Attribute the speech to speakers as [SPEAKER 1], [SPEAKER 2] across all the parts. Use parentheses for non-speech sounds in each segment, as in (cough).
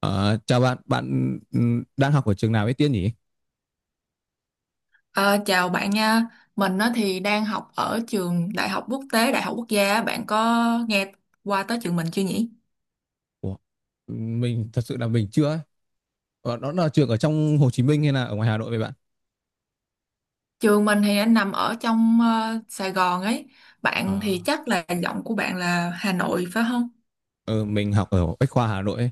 [SPEAKER 1] Ờ, Chào bạn, bạn đang học ở trường nào ấy Tiên nhỉ?
[SPEAKER 2] Ờ, Chào bạn nha, mình á thì đang học ở trường Đại học Quốc tế, Đại học Quốc gia á. Bạn có nghe qua tới trường mình chưa nhỉ?
[SPEAKER 1] Ủa, mình thật sự là mình chưa ấy. Đó là trường ở trong Hồ Chí Minh hay là ở ngoài Hà Nội vậy bạn?
[SPEAKER 2] Trường mình thì anh nằm ở trong Sài Gòn ấy,
[SPEAKER 1] Ờ,
[SPEAKER 2] bạn thì chắc là giọng của bạn là Hà Nội phải không?
[SPEAKER 1] ờ, mình học ở Bách Khoa Hà Nội ấy.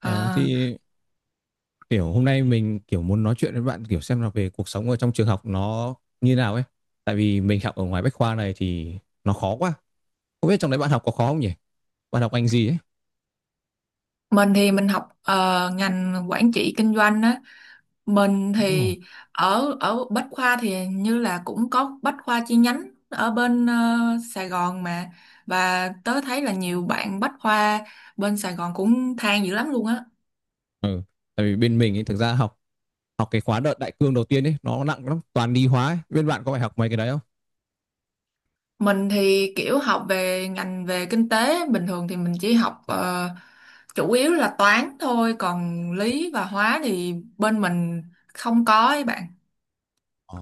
[SPEAKER 1] Ờ,
[SPEAKER 2] Ờ,
[SPEAKER 1] thì kiểu hôm nay mình kiểu muốn nói chuyện với bạn kiểu xem là về cuộc sống ở trong trường học nó như nào ấy. Tại vì mình học ở ngoài Bách Khoa này thì nó khó quá. Không biết trong đấy bạn học có khó không nhỉ? Bạn học ngành gì ấy?
[SPEAKER 2] mình thì mình học ngành quản trị kinh doanh á. Mình
[SPEAKER 1] Ồ.
[SPEAKER 2] thì ở ở Bách Khoa thì hình như là cũng có Bách Khoa chi nhánh ở bên Sài Gòn mà, và tớ thấy là nhiều bạn Bách Khoa bên Sài Gòn cũng than dữ lắm luôn á.
[SPEAKER 1] Ừ. Tại vì bên mình ấy, thực ra học học cái khóa đợt đại cương đầu tiên ấy nó nặng lắm, toàn lý hóa ấy. Bên bạn có phải học mấy cái đấy không?
[SPEAKER 2] Mình thì kiểu học về ngành về kinh tế, bình thường thì mình chỉ học chủ yếu là toán thôi, còn lý và hóa thì bên mình không có ấy bạn.
[SPEAKER 1] Ờ,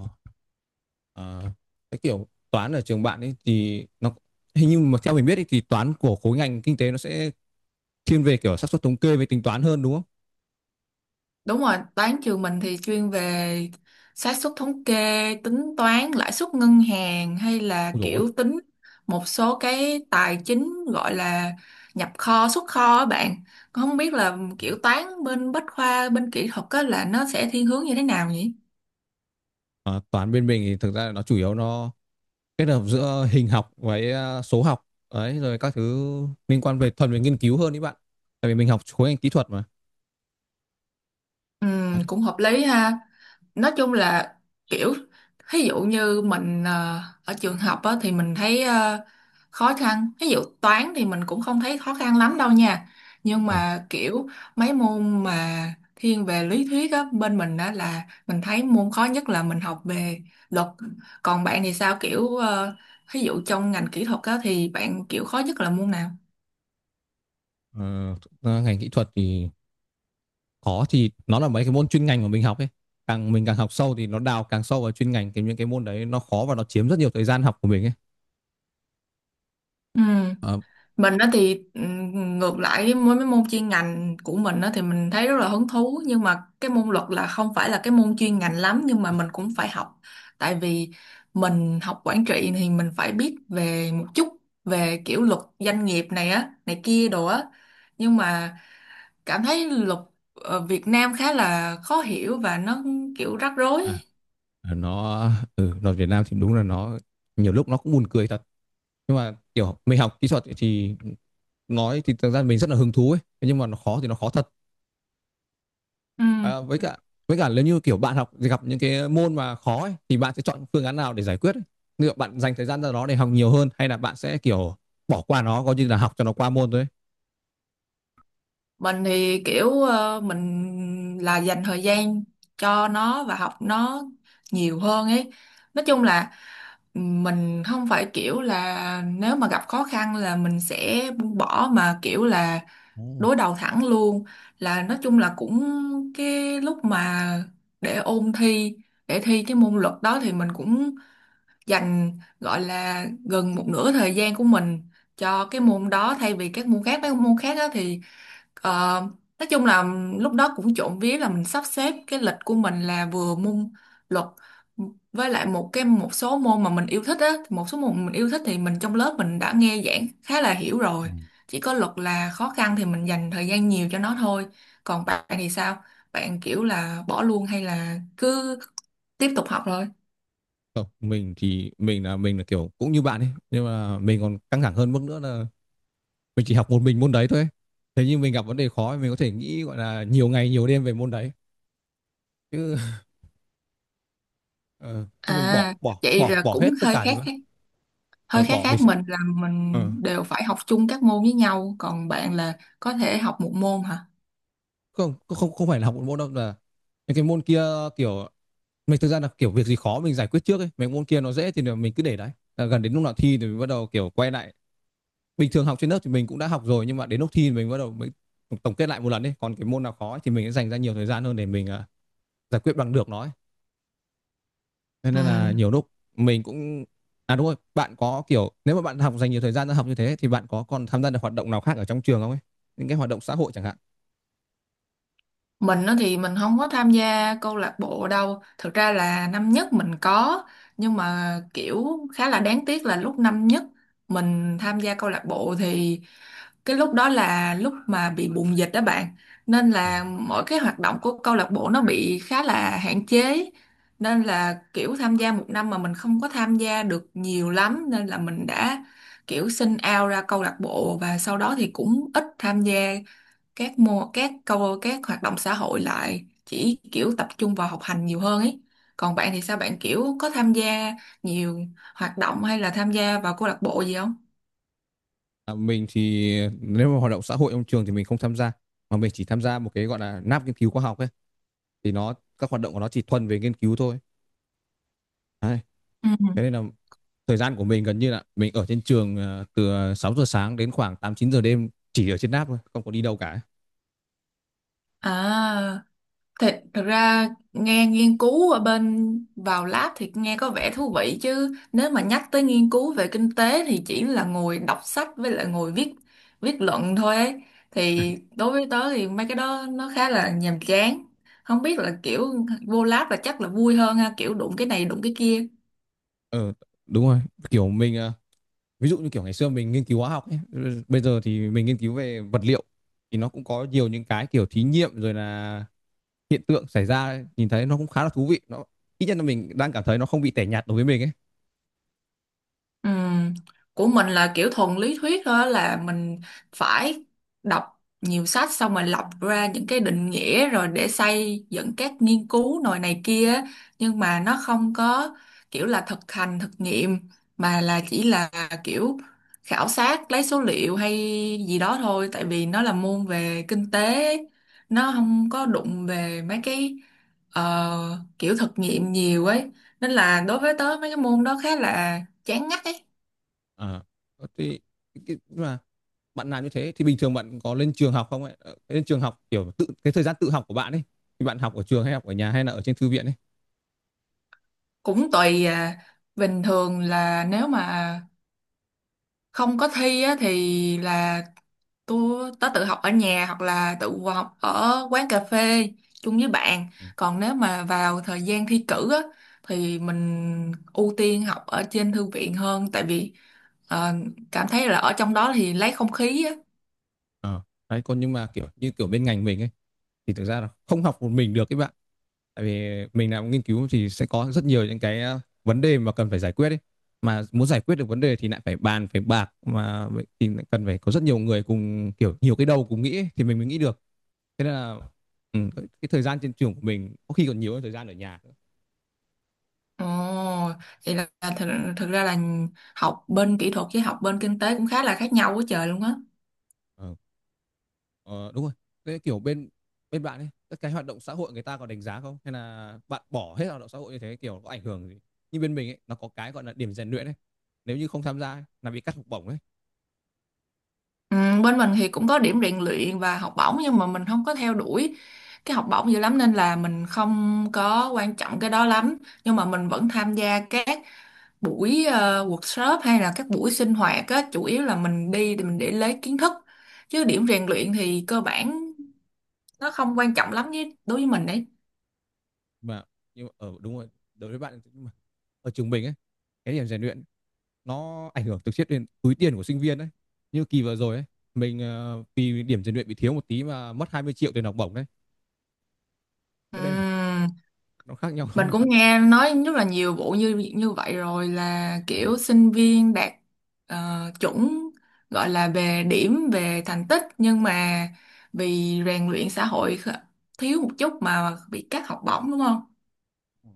[SPEAKER 1] ờ. Cái kiểu toán ở trường bạn ấy thì nó hình như mà theo mình biết ấy, thì toán của khối ngành kinh tế nó sẽ thiên về kiểu xác suất thống kê với tính toán hơn đúng không?
[SPEAKER 2] Đúng rồi, toán trường mình thì chuyên về xác suất thống kê, tính toán lãi suất ngân hàng hay là
[SPEAKER 1] Ôi dồi ôi.
[SPEAKER 2] kiểu tính một số cái tài chính gọi là nhập kho, xuất kho á bạn. Con không biết là kiểu toán bên Bách khoa, bên kỹ thuật á là nó sẽ thiên hướng như thế nào nhỉ?
[SPEAKER 1] Ờ, toán bên mình thì thực ra là nó chủ yếu nó kết hợp giữa hình học với số học, đấy rồi các thứ liên quan về thuần về nghiên cứu hơn đấy bạn. Tại vì mình học khối ngành kỹ thuật mà.
[SPEAKER 2] Ừ,
[SPEAKER 1] Đấy.
[SPEAKER 2] cũng hợp lý ha. Nói chung là kiểu ví dụ như mình ở trường học á, thì mình thấy khó khăn, ví dụ toán thì mình cũng không thấy khó khăn lắm đâu nha, nhưng
[SPEAKER 1] Ờ,
[SPEAKER 2] mà kiểu mấy môn mà thiên về lý thuyết á, bên mình á là mình thấy môn khó nhất là mình học về luật. Còn bạn thì sao, kiểu ví dụ trong ngành kỹ thuật á, thì bạn kiểu khó nhất là môn nào?
[SPEAKER 1] ờ, thực ra ngành kỹ thuật thì khó thì nó là mấy cái môn chuyên ngành mà mình học ấy. Càng mình càng học sâu thì nó đào càng sâu vào chuyên ngành thì những cái môn đấy nó khó và nó chiếm rất nhiều thời gian học của mình ấy.
[SPEAKER 2] Ừ,
[SPEAKER 1] Ờ,
[SPEAKER 2] mình đó thì ngược lại với mấy mấy môn chuyên ngành của mình đó thì mình thấy rất là hứng thú, nhưng mà cái môn luật là không phải là cái môn chuyên ngành lắm nhưng mà mình cũng phải học, tại vì mình học quản trị thì mình phải biết về một chút về kiểu luật doanh nghiệp này á này kia đồ á, nhưng mà cảm thấy luật ở Việt Nam khá là khó hiểu và nó kiểu rắc rối
[SPEAKER 1] à,
[SPEAKER 2] ấy.
[SPEAKER 1] nó đoàn Việt Nam thì đúng là nó nhiều lúc nó cũng buồn cười thật, nhưng mà kiểu mình học kỹ thuật thì nói thì thực ra mình rất là hứng thú ấy. Thế nhưng mà nó khó thì nó khó thật.
[SPEAKER 2] Ừ.
[SPEAKER 1] Với cả, nếu như kiểu bạn học gặp những cái môn mà khó ấy, thì bạn sẽ chọn phương án nào để giải quyết ấy? Liệu bạn dành thời gian ra đó để học nhiều hơn hay là bạn sẽ kiểu bỏ qua nó coi như là học cho nó qua môn thôi ấy?
[SPEAKER 2] Mình thì kiểu mình là dành thời gian cho nó và học nó nhiều hơn ấy. Nói chung là mình không phải kiểu là nếu mà gặp khó khăn là mình sẽ buông bỏ mà kiểu là
[SPEAKER 1] Ồ.
[SPEAKER 2] đối đầu thẳng luôn. Là nói chung là cũng cái lúc mà để ôn thi, để thi cái môn luật đó thì mình cũng dành gọi là gần một nửa thời gian của mình cho cái môn đó thay vì các môn khác, mấy môn khác á thì Ờ, nói chung là lúc đó cũng trộm vía là mình sắp xếp cái lịch của mình là vừa môn luật với lại một cái một số môn mà mình yêu thích á, một số môn mình yêu thích thì mình trong lớp mình đã nghe giảng khá là hiểu
[SPEAKER 1] Ừ.
[SPEAKER 2] rồi, chỉ có luật là khó khăn thì mình dành thời gian nhiều cho nó thôi. Còn bạn thì sao, bạn kiểu là bỏ luôn hay là cứ tiếp tục học thôi?
[SPEAKER 1] Không, mình thì mình là kiểu cũng như bạn ấy, nhưng mà mình còn căng thẳng hơn mức nữa là mình chỉ học một mình môn đấy thôi. Thế nhưng mình gặp vấn đề khó thì mình có thể nghĩ gọi là nhiều ngày nhiều đêm về môn đấy chứ ờ, xong mình bỏ
[SPEAKER 2] À,
[SPEAKER 1] bỏ
[SPEAKER 2] vậy
[SPEAKER 1] bỏ
[SPEAKER 2] là
[SPEAKER 1] bỏ
[SPEAKER 2] cũng
[SPEAKER 1] hết tất
[SPEAKER 2] hơi
[SPEAKER 1] cả
[SPEAKER 2] khác
[SPEAKER 1] rồi.
[SPEAKER 2] khác,
[SPEAKER 1] Ờ,
[SPEAKER 2] hơi khác
[SPEAKER 1] bỏ mình
[SPEAKER 2] khác,
[SPEAKER 1] sẽ
[SPEAKER 2] mình là mình
[SPEAKER 1] ờ,
[SPEAKER 2] đều phải học chung các môn với nhau, còn bạn là có thể học một môn hả?
[SPEAKER 1] không không không phải là học một môn đâu, là những cái môn kia kiểu mình thực ra là kiểu việc gì khó mình giải quyết trước ấy, mấy môn kia nó dễ thì mình cứ để đấy. Là gần đến lúc nào thi thì mình bắt đầu kiểu quay lại, bình thường học trên lớp thì mình cũng đã học rồi, nhưng mà đến lúc thi thì mình bắt đầu mới tổng kết lại một lần ấy, còn cái môn nào khó ấy thì mình sẽ dành ra nhiều thời gian hơn để mình giải quyết bằng được nó ấy. Thế
[SPEAKER 2] Ừ.
[SPEAKER 1] nên là nhiều lúc mình cũng đúng rồi, bạn có kiểu nếu mà bạn học dành nhiều thời gian ra học như thế thì bạn có còn tham gia được hoạt động nào khác ở trong trường không ấy? Những cái hoạt động xã hội chẳng hạn.
[SPEAKER 2] Mình á thì mình không có tham gia câu lạc bộ đâu. Thực ra là năm nhất mình có, nhưng mà kiểu khá là đáng tiếc là lúc năm nhất mình tham gia câu lạc bộ thì cái lúc đó là lúc mà bị bùng dịch đó bạn. Nên
[SPEAKER 1] À,
[SPEAKER 2] là mỗi cái hoạt động của câu lạc bộ nó bị khá là hạn chế. Nên là kiểu tham gia một năm mà mình không có tham gia được nhiều lắm nên là mình đã kiểu xin out ra câu lạc bộ và sau đó thì cũng ít tham gia các mô các câu các hoạt động xã hội lại, chỉ kiểu tập trung vào học hành nhiều hơn ấy. Còn bạn thì sao, bạn kiểu có tham gia nhiều hoạt động hay là tham gia vào câu lạc bộ gì không?
[SPEAKER 1] mình thì nếu mà hoạt động xã hội trong trường thì mình không tham gia, mà mình chỉ tham gia một cái gọi là lab nghiên cứu khoa học ấy, thì nó các hoạt động của nó chỉ thuần về nghiên cứu thôi. Đấy.
[SPEAKER 2] Ừ.
[SPEAKER 1] Thế nên là thời gian của mình gần như là mình ở trên trường từ 6 giờ sáng đến khoảng 8 9 giờ đêm chỉ ở trên lab thôi, không có đi đâu cả.
[SPEAKER 2] À, thật, thật ra nghe nghiên cứu ở bên vào lab thì nghe có vẻ thú vị, chứ nếu mà nhắc tới nghiên cứu về kinh tế thì chỉ là ngồi đọc sách với lại ngồi viết, viết luận thôi ấy. Thì đối với tớ thì mấy cái đó nó khá là nhàm chán. Không biết là kiểu vô lab là chắc là vui hơn ha, kiểu đụng cái này đụng cái kia.
[SPEAKER 1] Ờ đúng rồi, kiểu mình ví dụ như kiểu ngày xưa mình nghiên cứu hóa học ấy, bây giờ thì mình nghiên cứu về vật liệu thì nó cũng có nhiều những cái kiểu thí nghiệm rồi là hiện tượng xảy ra ấy, nhìn thấy nó cũng khá là thú vị, nó ít nhất là mình đang cảm thấy nó không bị tẻ nhạt đối với mình ấy.
[SPEAKER 2] Ừm, Của mình là kiểu thuần lý thuyết thôi, là mình phải đọc nhiều sách xong rồi lọc ra những cái định nghĩa rồi để xây dựng các nghiên cứu nồi này kia á. Nhưng mà nó không có kiểu là thực hành thực nghiệm mà là chỉ là kiểu khảo sát lấy số liệu hay gì đó thôi, tại vì nó là môn về kinh tế ấy. Nó không có đụng về mấy cái ờ, kiểu thực nghiệm nhiều ấy, nên là đối với tớ mấy cái môn đó khá là chán ngắt ấy.
[SPEAKER 1] À, thì cái- mà bạn làm như thế thì bình thường bạn có lên trường học không ấy? Ờ, lên trường học kiểu tự cái thời gian tự học của bạn ấy thì bạn học ở trường hay học ở nhà hay là ở trên thư viện ấy?
[SPEAKER 2] Cũng tùy à, bình thường là nếu mà không có thi á, thì là tớ tự học ở nhà hoặc là tự học ở quán cà phê chung với bạn. Còn nếu mà vào thời gian thi cử á, thì mình ưu tiên học ở trên thư viện hơn, tại vì ờ, cảm thấy là ở trong đó thì lấy không khí á.
[SPEAKER 1] Ờ. Đấy, còn nhưng mà kiểu như kiểu bên ngành mình ấy thì thực ra là không học một mình được các bạn. Tại vì mình làm nghiên cứu thì sẽ có rất nhiều những cái vấn đề mà cần phải giải quyết ấy. Mà muốn giải quyết được vấn đề thì lại phải bàn phải bạc mà, vậy thì lại cần phải có rất nhiều người cùng kiểu nhiều cái đầu cùng nghĩ ấy, thì mình mới nghĩ được. Thế nên là ừ, cái thời gian trên trường của mình có khi còn nhiều hơn thời gian ở nhà nữa.
[SPEAKER 2] Ồ, vậy là thực, thực ra là học bên kỹ thuật với học bên kinh tế cũng khá là khác nhau quá trời luôn á.
[SPEAKER 1] Ờ. Ờ, đúng rồi. Thế kiểu bên bên bạn ấy, các cái hoạt động xã hội người ta có đánh giá không? Hay là bạn bỏ hết hoạt động xã hội như thế kiểu có ảnh hưởng gì? Như bên mình ấy, nó có cái gọi là điểm rèn luyện ấy. Nếu như không tham gia ấy, là bị cắt học bổng ấy.
[SPEAKER 2] Ừ, bên mình thì cũng có điểm rèn luyện và học bổng nhưng mà mình không có theo đuổi cái học bổng dữ lắm nên là mình không có quan trọng cái đó lắm, nhưng mà mình vẫn tham gia các buổi workshop hay là các buổi sinh hoạt á, chủ yếu là mình đi thì mình để lấy kiến thức, chứ điểm rèn luyện thì cơ bản nó không quan trọng lắm với đối với mình.
[SPEAKER 1] Mà nhưng mà, đúng rồi, đối với bạn, nhưng mà ở trường mình ấy, cái điểm rèn luyện nó ảnh hưởng trực tiếp đến túi tiền của sinh viên đấy. Như kỳ vừa rồi ấy, mình vì điểm rèn luyện bị thiếu một tí mà mất 20 triệu tiền học bổng đấy. Thế nên là
[SPEAKER 2] Đấy,
[SPEAKER 1] nó khác nhau.
[SPEAKER 2] mình cũng nghe nói rất là nhiều vụ như như vậy rồi, là kiểu
[SPEAKER 1] (laughs)
[SPEAKER 2] sinh viên đạt chuẩn gọi là về điểm về thành tích nhưng mà vì rèn luyện xã hội kh- thiếu một chút mà bị cắt học bổng đúng không?
[SPEAKER 1] Ờ.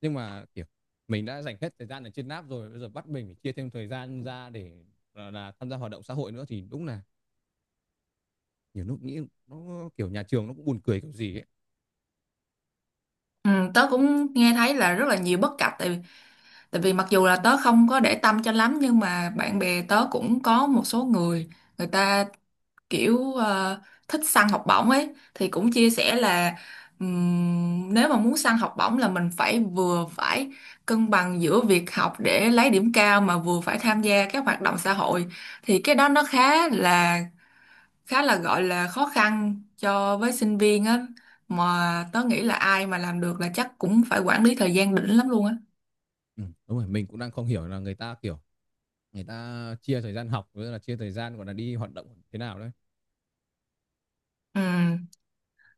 [SPEAKER 1] Nhưng mà, kiểu, mình đã dành hết thời gian ở trên app rồi, bây giờ bắt mình phải chia thêm thời gian ra để, gọi là, tham gia hoạt động xã hội nữa thì đúng là nhiều lúc nghĩ nó, kiểu, nhà trường nó cũng buồn cười kiểu gì ấy.
[SPEAKER 2] Ừ, tớ cũng nghe thấy là rất là nhiều bất cập, tại vì mặc dù là tớ không có để tâm cho lắm nhưng mà bạn bè tớ cũng có một số người, người ta kiểu thích săn học bổng ấy thì cũng chia sẻ là nếu mà muốn săn học bổng là mình phải vừa phải cân bằng giữa việc học để lấy điểm cao mà vừa phải tham gia các hoạt động xã hội, thì cái đó nó khá là gọi là khó khăn cho với sinh viên á, mà tớ nghĩ là ai mà làm được là chắc cũng phải quản lý thời gian đỉnh lắm luôn á.
[SPEAKER 1] Đúng rồi, mình cũng đang không hiểu là người ta, kiểu, người ta chia thời gian học với là chia thời gian, gọi là, đi hoạt động thế nào đấy.
[SPEAKER 2] Ừ,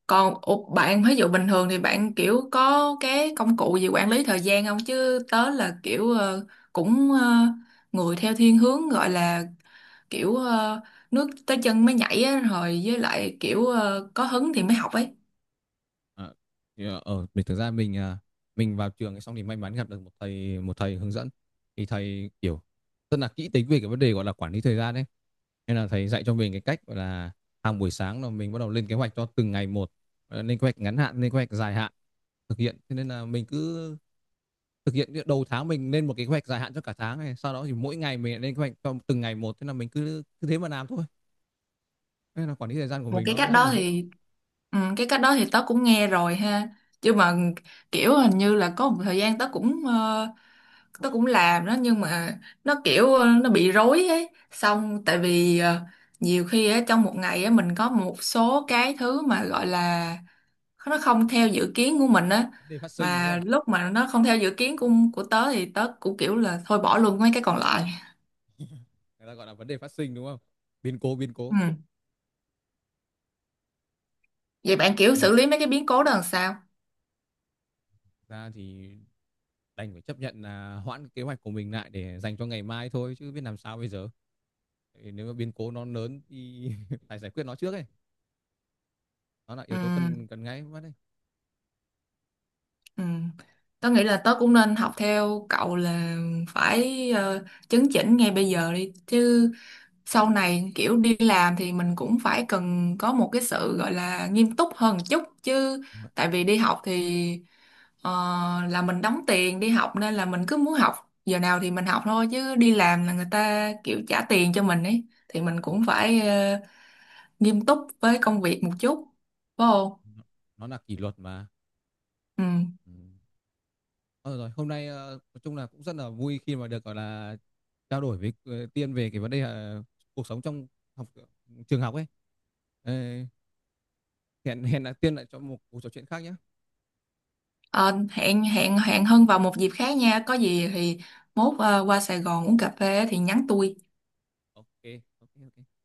[SPEAKER 2] còn ủa, bạn ví dụ bình thường thì bạn kiểu có cái công cụ gì quản lý thời gian không? Chứ tớ là kiểu cũng người theo thiên hướng gọi là kiểu nước tới chân mới nhảy á, rồi với lại kiểu có hứng thì mới học ấy.
[SPEAKER 1] À, ở mình thực ra mình mình vào trường ấy xong thì may mắn gặp được một thầy hướng dẫn, thì thầy kiểu rất là kỹ tính về cái vấn đề gọi là quản lý thời gian đấy, nên là thầy dạy cho mình cái cách gọi là hàng buổi sáng là mình bắt đầu lên kế hoạch cho từng ngày một. Ờ, lên kế hoạch ngắn hạn, lên kế hoạch dài hạn thực hiện, thế nên là mình cứ thực hiện đầu tháng mình lên một cái kế hoạch dài hạn cho cả tháng này, sau đó thì mỗi ngày mình lại lên kế hoạch cho từng ngày một, thế là mình cứ cứ thế mà làm thôi, nên là quản lý thời gian của
[SPEAKER 2] Một
[SPEAKER 1] mình
[SPEAKER 2] cái
[SPEAKER 1] nó
[SPEAKER 2] cách
[SPEAKER 1] rất là
[SPEAKER 2] đó
[SPEAKER 1] dễ.
[SPEAKER 2] thì ừ, cái cách đó thì tớ cũng nghe rồi ha. Chứ mà kiểu hình như là có một thời gian tớ cũng tớ cũng làm đó nhưng mà nó kiểu nó bị rối ấy, xong tại vì nhiều khi á trong một ngày á mình có một số cái thứ mà gọi là nó không theo dự kiến của mình á,
[SPEAKER 1] Vấn đề phát sinh đúng
[SPEAKER 2] mà
[SPEAKER 1] không,
[SPEAKER 2] lúc mà nó không theo dự kiến của tớ thì tớ cũng kiểu là thôi bỏ luôn mấy cái còn lại.
[SPEAKER 1] người ta gọi là vấn đề phát sinh đúng không, biến cố biến cố.
[SPEAKER 2] Ừ. Vậy bạn kiểu
[SPEAKER 1] Ờ,
[SPEAKER 2] xử lý mấy cái biến cố đó làm sao?
[SPEAKER 1] ra thì đành phải chấp nhận là hoãn cái kế hoạch của mình lại để dành cho ngày mai thôi chứ biết làm sao bây giờ. Thì nếu mà biến cố nó lớn thì (laughs) phải giải quyết nó trước ấy, nó là
[SPEAKER 2] Ừ.
[SPEAKER 1] yếu tố cần cần ngay mất đấy.
[SPEAKER 2] Ừ. Tớ nghĩ là tớ cũng nên học theo cậu là phải chấn chỉnh ngay bây giờ đi chứ sau này kiểu đi làm thì mình cũng phải cần có một cái sự gọi là nghiêm túc hơn một chút chứ,
[SPEAKER 1] Đúng rồi,
[SPEAKER 2] tại vì đi học thì ờ, là mình đóng tiền đi học nên là mình cứ muốn học giờ nào thì mình học thôi, chứ đi làm là người ta kiểu trả tiền cho mình ấy thì mình
[SPEAKER 1] đúng
[SPEAKER 2] cũng
[SPEAKER 1] rồi.
[SPEAKER 2] phải nghiêm túc với công việc một chút, phải không?
[SPEAKER 1] Nó- nó là kỷ luật mà.
[SPEAKER 2] Ừ.
[SPEAKER 1] Ừ. Thôi được rồi, hôm nay nói chung là cũng rất là vui khi mà được gọi là trao đổi với Tiên về cái vấn đề cuộc sống trong học trường học ấy. Ờ, hẹn hẹn là Tiên lại cho một cuộc trò chuyện khác nhé.
[SPEAKER 2] Ờ, hẹn hẹn hẹn Hân vào một dịp khác nha, có gì thì mốt qua Sài Gòn uống cà phê thì nhắn tôi.
[SPEAKER 1] OK, OK, OK.